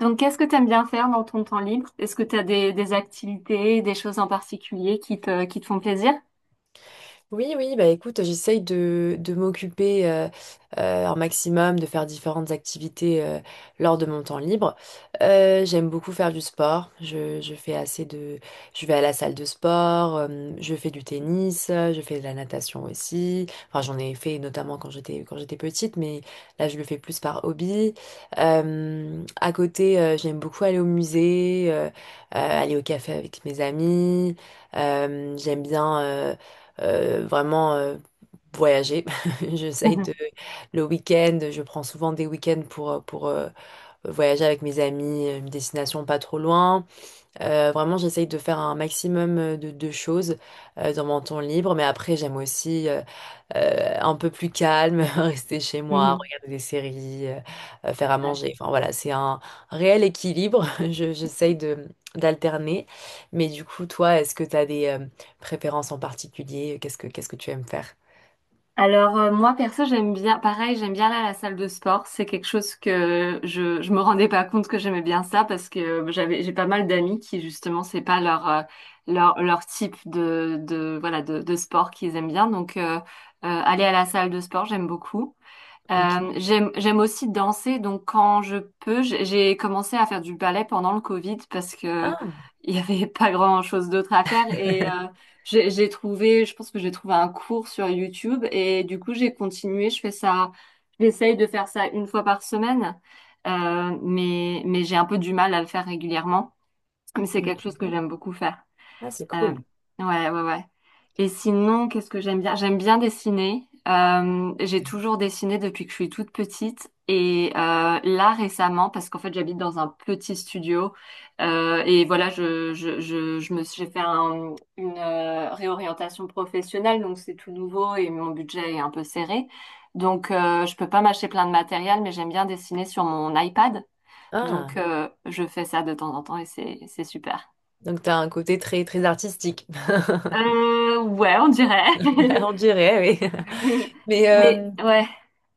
Donc, qu'est-ce que tu aimes bien faire dans ton temps libre? Est-ce que tu as des activités, des choses en particulier qui qui te font plaisir? Oui, oui, bah écoute, j'essaye de m'occuper un maximum, de faire différentes activités lors de mon temps libre. J'aime beaucoup faire du sport. Je fais assez je vais à la salle de sport, je fais du tennis, je fais de la natation aussi. Enfin, j'en ai fait notamment quand j'étais petite, mais là je le fais plus par hobby. À côté, j'aime beaucoup aller au musée, aller au café avec mes amis. J'aime bien. Vraiment voyager. J'essaye de Mhm. le week-end, je prends souvent des week-ends pour voyager avec mes amis, une destination pas trop loin. Vraiment, j'essaye de faire un maximum de choses dans mon temps libre, mais après, j'aime aussi un peu plus calme, rester chez moi, Mhm. regarder des séries, faire à Ouais. manger. Enfin voilà, c'est un réel équilibre. J'essaye de d'alterner. Mais du coup, toi, est-ce que tu as des préférences en particulier? Qu'est-ce que tu aimes faire? Alors, moi, perso, j'aime bien, pareil, j'aime bien là la salle de sport. C'est quelque chose que je me rendais pas compte que j'aimais bien ça parce que j'ai pas mal d'amis qui, justement, c'est pas leur type de voilà, de sport qu'ils aiment bien. Donc, aller à la salle de sport, j'aime beaucoup. Ok. J'aime aussi danser, donc quand je peux, j'ai commencé à faire du ballet pendant le Covid parce que Ah, il y avait pas grand-chose d'autre à faire et j'ai trouvé, je pense que j'ai trouvé un cours sur YouTube et du coup j'ai continué, je fais ça, j'essaye de faire ça une fois par semaine, mais j'ai un peu du mal à le faire régulièrement, mais c'est quelque chose que ok. j'aime beaucoup faire. Ah, c'est Euh, cool. ouais, ouais, ouais. Et sinon, qu'est-ce que j'aime bien? J'aime bien dessiner. J'ai Ok. toujours dessiné depuis que je suis toute petite. Et là, récemment, parce qu'en fait, j'habite dans un petit studio. Et voilà, j'ai fait une réorientation professionnelle. Donc, c'est tout nouveau et mon budget est un peu serré. Donc, je peux pas m'acheter plein de matériel, mais j'aime bien dessiner sur mon iPad. Donc, Ah, je fais ça de temps en temps et c'est super. donc tu as un côté très très artistique. Ouais, on dirait. On dirait, oui. Mais Mais ouais.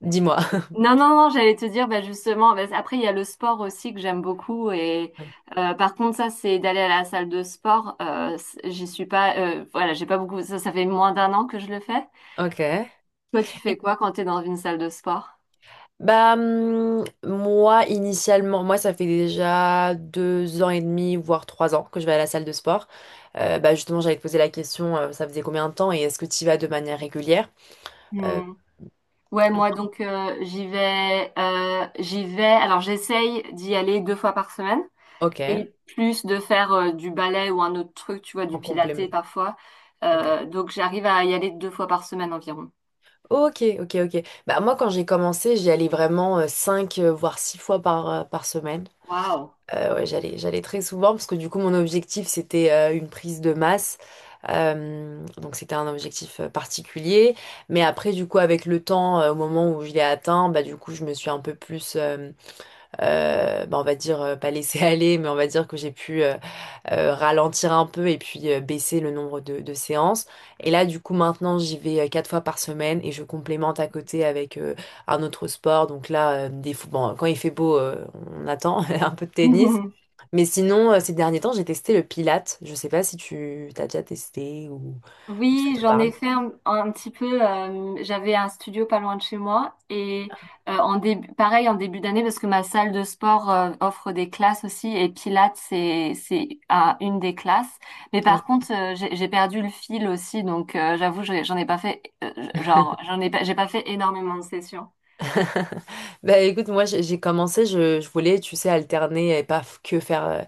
dis-moi. Non, non, non, j'allais te dire, bah, justement, bah, après, il y a le sport aussi que j'aime beaucoup. Et Ouais. Par contre, ça, c'est d'aller à la salle de sport. J'y suis pas, voilà, j'ai pas beaucoup. Ça fait moins d'un an que je le fais. Ok. Toi, tu fais Et quoi quand tu es dans une salle de sport? Bah, moi, initialement, moi, ça fait déjà 2 ans et demi, voire 3 ans que je vais à la salle de sport. Bah, justement, j'allais te poser la question, ça faisait combien de temps et est-ce que tu y vas de manière régulière? Euh, Hmm. Ouais, moi, donc, j'y vais. Alors, j'essaye d'y aller deux fois par semaine. ok, Et plus de faire du ballet ou un autre truc, tu vois, en du pilates complément. parfois. Ok. Donc j'arrive à y aller deux fois par semaine environ. Ok, ok, ok. Bah, moi, quand j'ai commencé, j'y allais vraiment 5, voire 6 fois par, par semaine. Waouh. Ouais, j'allais très souvent parce que du coup, mon objectif, c'était une prise de masse. Donc, c'était un objectif particulier. Mais après, du coup, avec le temps, au moment où je l'ai atteint, bah, du coup, je me suis un peu plus, bah, on va dire pas laisser aller, mais on va dire que j'ai pu ralentir un peu et puis baisser le nombre de séances. Et là, du coup, maintenant, j'y vais 4 fois par semaine et je complémente à côté avec un autre sport. Donc là, quand il fait beau, on attend un peu de tennis. Mais sinon, ces derniers temps, j'ai testé le Pilates. Je sais pas si tu t'as déjà testé ou ça Oui, te j'en parle. ai fait un petit peu. J'avais un studio pas loin de chez moi et en début, pareil en début d'année parce que ma salle de sport offre des classes aussi et Pilates c'est une des classes. Mais Ok. par contre j'ai perdu le fil aussi donc j'avoue j'en ai pas fait genre j'ai pas fait énormément de sessions. Bah écoute, moi j'ai commencé, je voulais, tu sais, alterner et pas que faire,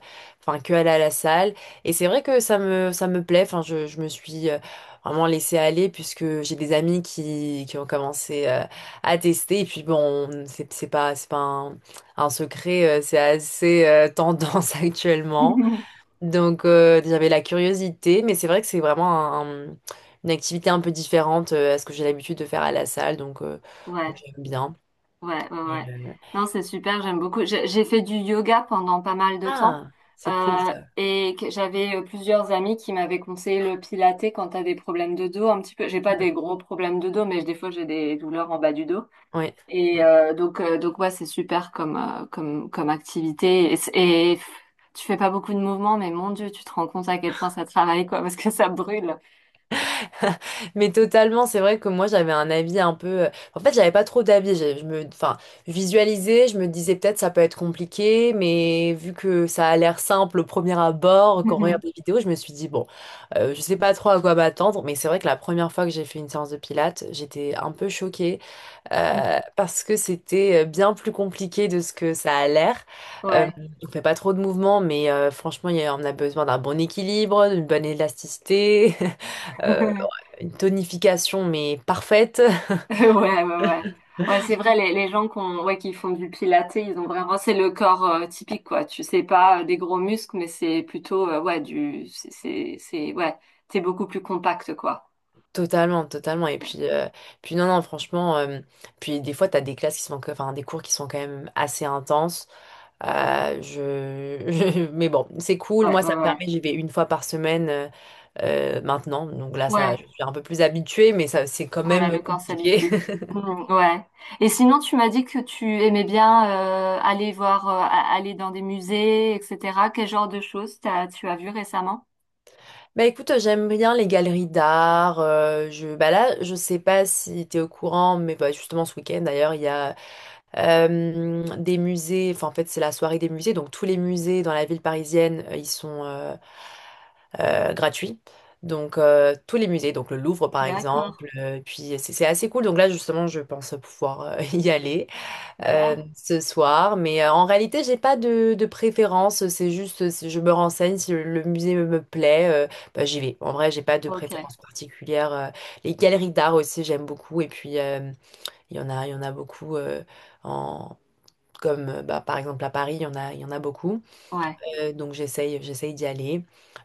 enfin que aller à la salle. Et c'est vrai que ça me plaît, enfin je me suis vraiment laissée aller puisque j'ai des amis qui ont commencé à tester. Et puis bon, c'est pas un secret, c'est assez tendance actuellement. Donc j'avais la curiosité, mais c'est vrai que c'est vraiment un- un- une activité un peu différente à ce que j'ai l'habitude de faire à la salle. Donc Ouais. j'aime bien. Ouais, ouais, ouais. Et, Non, c'est super, j'aime beaucoup. J'ai fait du yoga pendant pas mal de temps Ah, c'est cool euh, ça. et que- j'avais plusieurs amis qui m'avaient conseillé le pilates quand t'as des problèmes de dos un petit peu. J'ai pas Mm. des gros problèmes de dos, mais des fois j'ai des douleurs en bas du dos. Ouais. Ouais. Et donc ouais, c'est super comme activité. Tu fais pas beaucoup de mouvements, mais mon Dieu, tu te rends compte à quel point ça travaille, quoi, parce que ça brûle. Mais totalement, c'est vrai que moi j'avais un avis un peu. En fait, j'avais pas trop d'avis. Enfin, visualisais, je me disais peut-être ça peut être compliqué, mais vu que ça a l'air simple au premier abord, quand on regarde des vidéos, je me suis dit bon, je sais pas trop à quoi m'attendre. Mais c'est vrai que la première fois que j'ai fait une séance de pilates, j'étais un peu choquée parce que c'était bien plus compliqué de ce que ça a l'air. Euh, Ouais. on fait pas trop de mouvements, mais franchement, on a besoin d'un bon équilibre, d'une bonne élasticité, ouais, une tonification mais parfaite. Ouais, ouais, ouais. Ouais, c'est vrai, les gens qui font du pilates, ils ont vraiment, c'est le corps typique, quoi. Tu sais pas des gros muscles, mais c'est plutôt, ouais, du, c'est- ouais, t'es beaucoup plus compact, quoi. Totalement, totalement. Et Ouais, puis, puis non, non, franchement, puis des fois, tu as des classes qui sont, que- enfin, des cours qui sont quand même assez intenses. Mais bon, c'est cool. ouais, Moi, ça me ouais. permet, j'y vais une fois par semaine maintenant. Donc là, ça, Ouais, je suis un peu plus habituée, mais ça, c'est quand voilà, même le corps compliqué. s'habitue. Mm, ouais. Et sinon, tu m'as dit que tu aimais bien aller voir, aller dans des musées, etc. Quel genre de choses tu as vu récemment? Bah écoute, j'aime bien les galeries d'art. Bah là, je sais pas si tu es au courant, mais bah, justement, ce week-end, d'ailleurs, il y a des musées. Enfin, en fait, c'est la soirée des musées. Donc, tous les musées dans la ville parisienne, ils sont, gratuit. Donc, tous les musées, donc le Louvre par D'accord, exemple, puis c'est assez cool. Donc là, justement, je pense pouvoir y aller super. ce soir. Mais en réalité, j'ai pas de préférence. C'est juste, si je me renseigne, si le musée me plaît, bah, j'y vais. En vrai, j'ai pas de Ok, préférence particulière. Les galeries d'art aussi, j'aime beaucoup. Et puis, il y en a beaucoup en... Comme bah, par exemple à Paris, il y en a beaucoup. ouais, Donc j'essaye d'y aller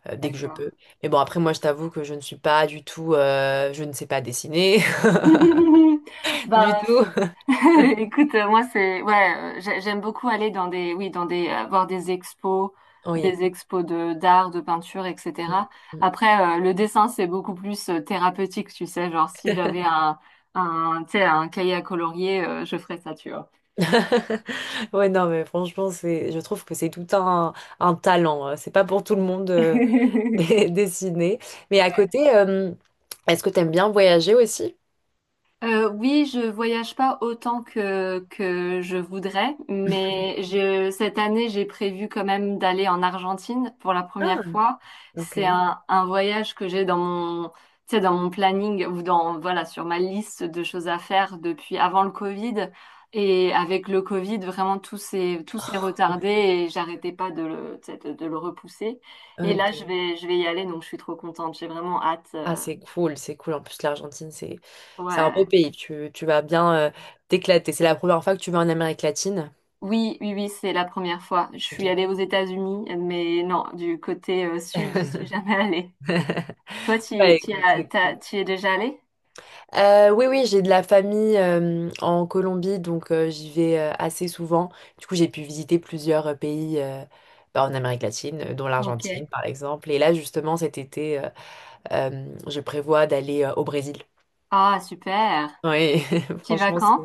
dès que je peux. d'accord. Mais bon, après, Ouais. moi, je t'avoue que je ne suis pas du tout, je ne sais pas dessiner du Bah, tout. écoute, moi c'est ouais, j'aime beaucoup aller dans des oui dans des voir Oui. des expos de d'art, de peinture, Mm, etc. mm. Après, le dessin c'est beaucoup plus thérapeutique, tu sais, genre si j'avais un tu sais un cahier à colorier, je ferais ça, tu vois. Ouais, non, mais franchement, c'est, je trouve que c'est tout un talent. C'est pas pour tout le monde de dessiner. Mais à Ouais. côté, est-ce que t'aimes bien voyager aussi? Oui, je voyage pas autant que je voudrais, mais je cette année j'ai prévu quand même d'aller en Argentine pour la première Ah, fois. ok. C'est un voyage que j'ai dans mon tu sais dans mon planning ou dans voilà sur ma liste de choses à faire depuis avant le Covid et avec le Covid vraiment tout s'est retardé et j'arrêtais pas de le tu sais, de le repousser. Et là Ok. Je vais y aller donc je suis trop contente. J'ai vraiment hâte. Ah, c'est cool, c'est cool. En plus, l'Argentine, c'est un beau Ouais. pays. Tu vas bien t'éclater. C'est la première fois que tu vas en Amérique latine. Oui, oui, oui, c'est la première fois. Je Ok. suis allée aux États-Unis, mais non, du côté sud, j'y suis jamais allée. Toi, Bah, écoute, c'est cool. tu y es déjà allée? Oui, oui, j'ai de la famille en Colombie, donc j'y vais assez souvent. Du coup, j'ai pu visiter plusieurs pays bah, en Amérique latine, dont Ok. l'Argentine, par exemple. Et là, justement, cet été, je prévois d'aller au Brésil. Ah, super. Oui, Tu y vas franchement, c'est quand?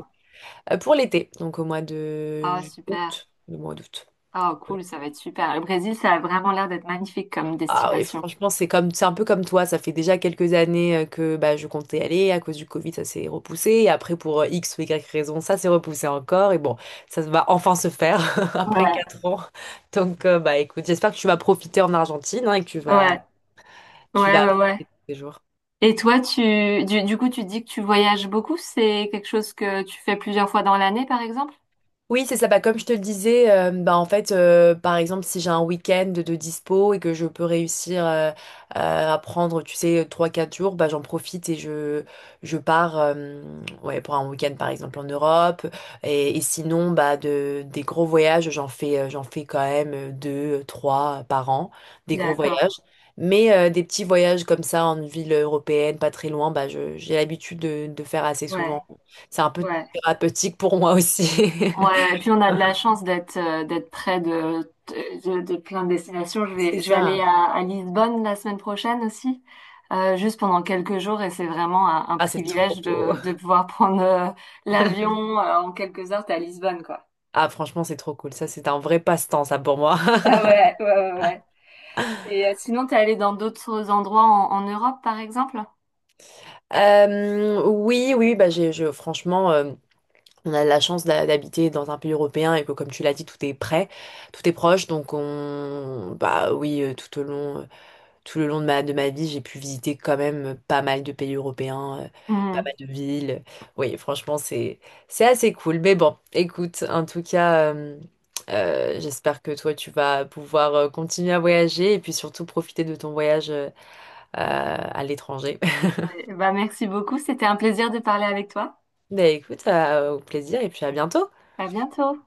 pour l'été, donc au mois de Ah, super. août, le mois d'août. Ah, cool, ça va être super. Le Brésil, ça a vraiment l'air d'être magnifique comme Ah oui, destination. franchement, c'est comme, c'est un peu comme toi. Ça fait déjà quelques années que bah, je comptais aller. À cause du Covid, ça s'est repoussé. Et après, pour X ou Y raison, ça s'est repoussé encore. Et bon, ça va enfin se faire après Ouais, 4 ans. Donc, bah écoute, j'espère que tu vas profiter en Argentine hein, et que tu vas, ouais, tu ouais, vas ouais, ouais. apprécier tous ces jours. Et toi, tu, du coup, tu dis que tu voyages beaucoup. C'est quelque chose que tu fais plusieurs fois dans l'année, par exemple? Oui, c'est ça. Bah, comme je te le disais, bah, en fait, par exemple, si j'ai un week-end de dispo et que je peux réussir à prendre, tu sais, trois quatre jours, bah, j'en profite et je pars ouais, pour un week-end, par exemple, en Europe. Et sinon, bah, des gros voyages, j'en fais quand même 2 3 par an, des gros D'accord. voyages. Mais des petits voyages comme ça en ville européenne, pas très loin, bah, j'ai l'habitude de faire assez Ouais, souvent. C'est un peu ouais. thérapeutique pour moi aussi. Ouais, et puis on a de la chance d'être d'être près de plein de destinations. C'est Je vais aller ça. À Lisbonne la semaine prochaine aussi, juste pendant quelques jours, et c'est vraiment un Ah, c'est trop privilège beau. De pouvoir prendre l'avion en quelques heures, t'es à Lisbonne, quoi. Ah, franchement, c'est trop cool. Ça, c'est un vrai passe-temps, ça, pour moi. Ah ouais, ouais, ouais, ouais. Et sinon, t'es allé dans d'autres endroits en Europe, par exemple? Oui, oui, bah, franchement, on a la chance d'habiter dans un pays européen et que, comme tu l'as dit, tout est prêt, tout est proche. Donc, on, bah oui, tout au long. Tout le long de ma vie, j'ai pu visiter quand même pas mal de pays européens, pas mal Mhm. de villes. Oui, franchement, c'est assez cool. Mais bon, écoute, en tout cas, j'espère que toi, tu vas pouvoir continuer à voyager et puis surtout profiter de ton voyage à l'étranger. Ouais, bah merci beaucoup, c'était un plaisir de parler avec toi. Ben écoute, au plaisir et puis à bientôt. À bientôt.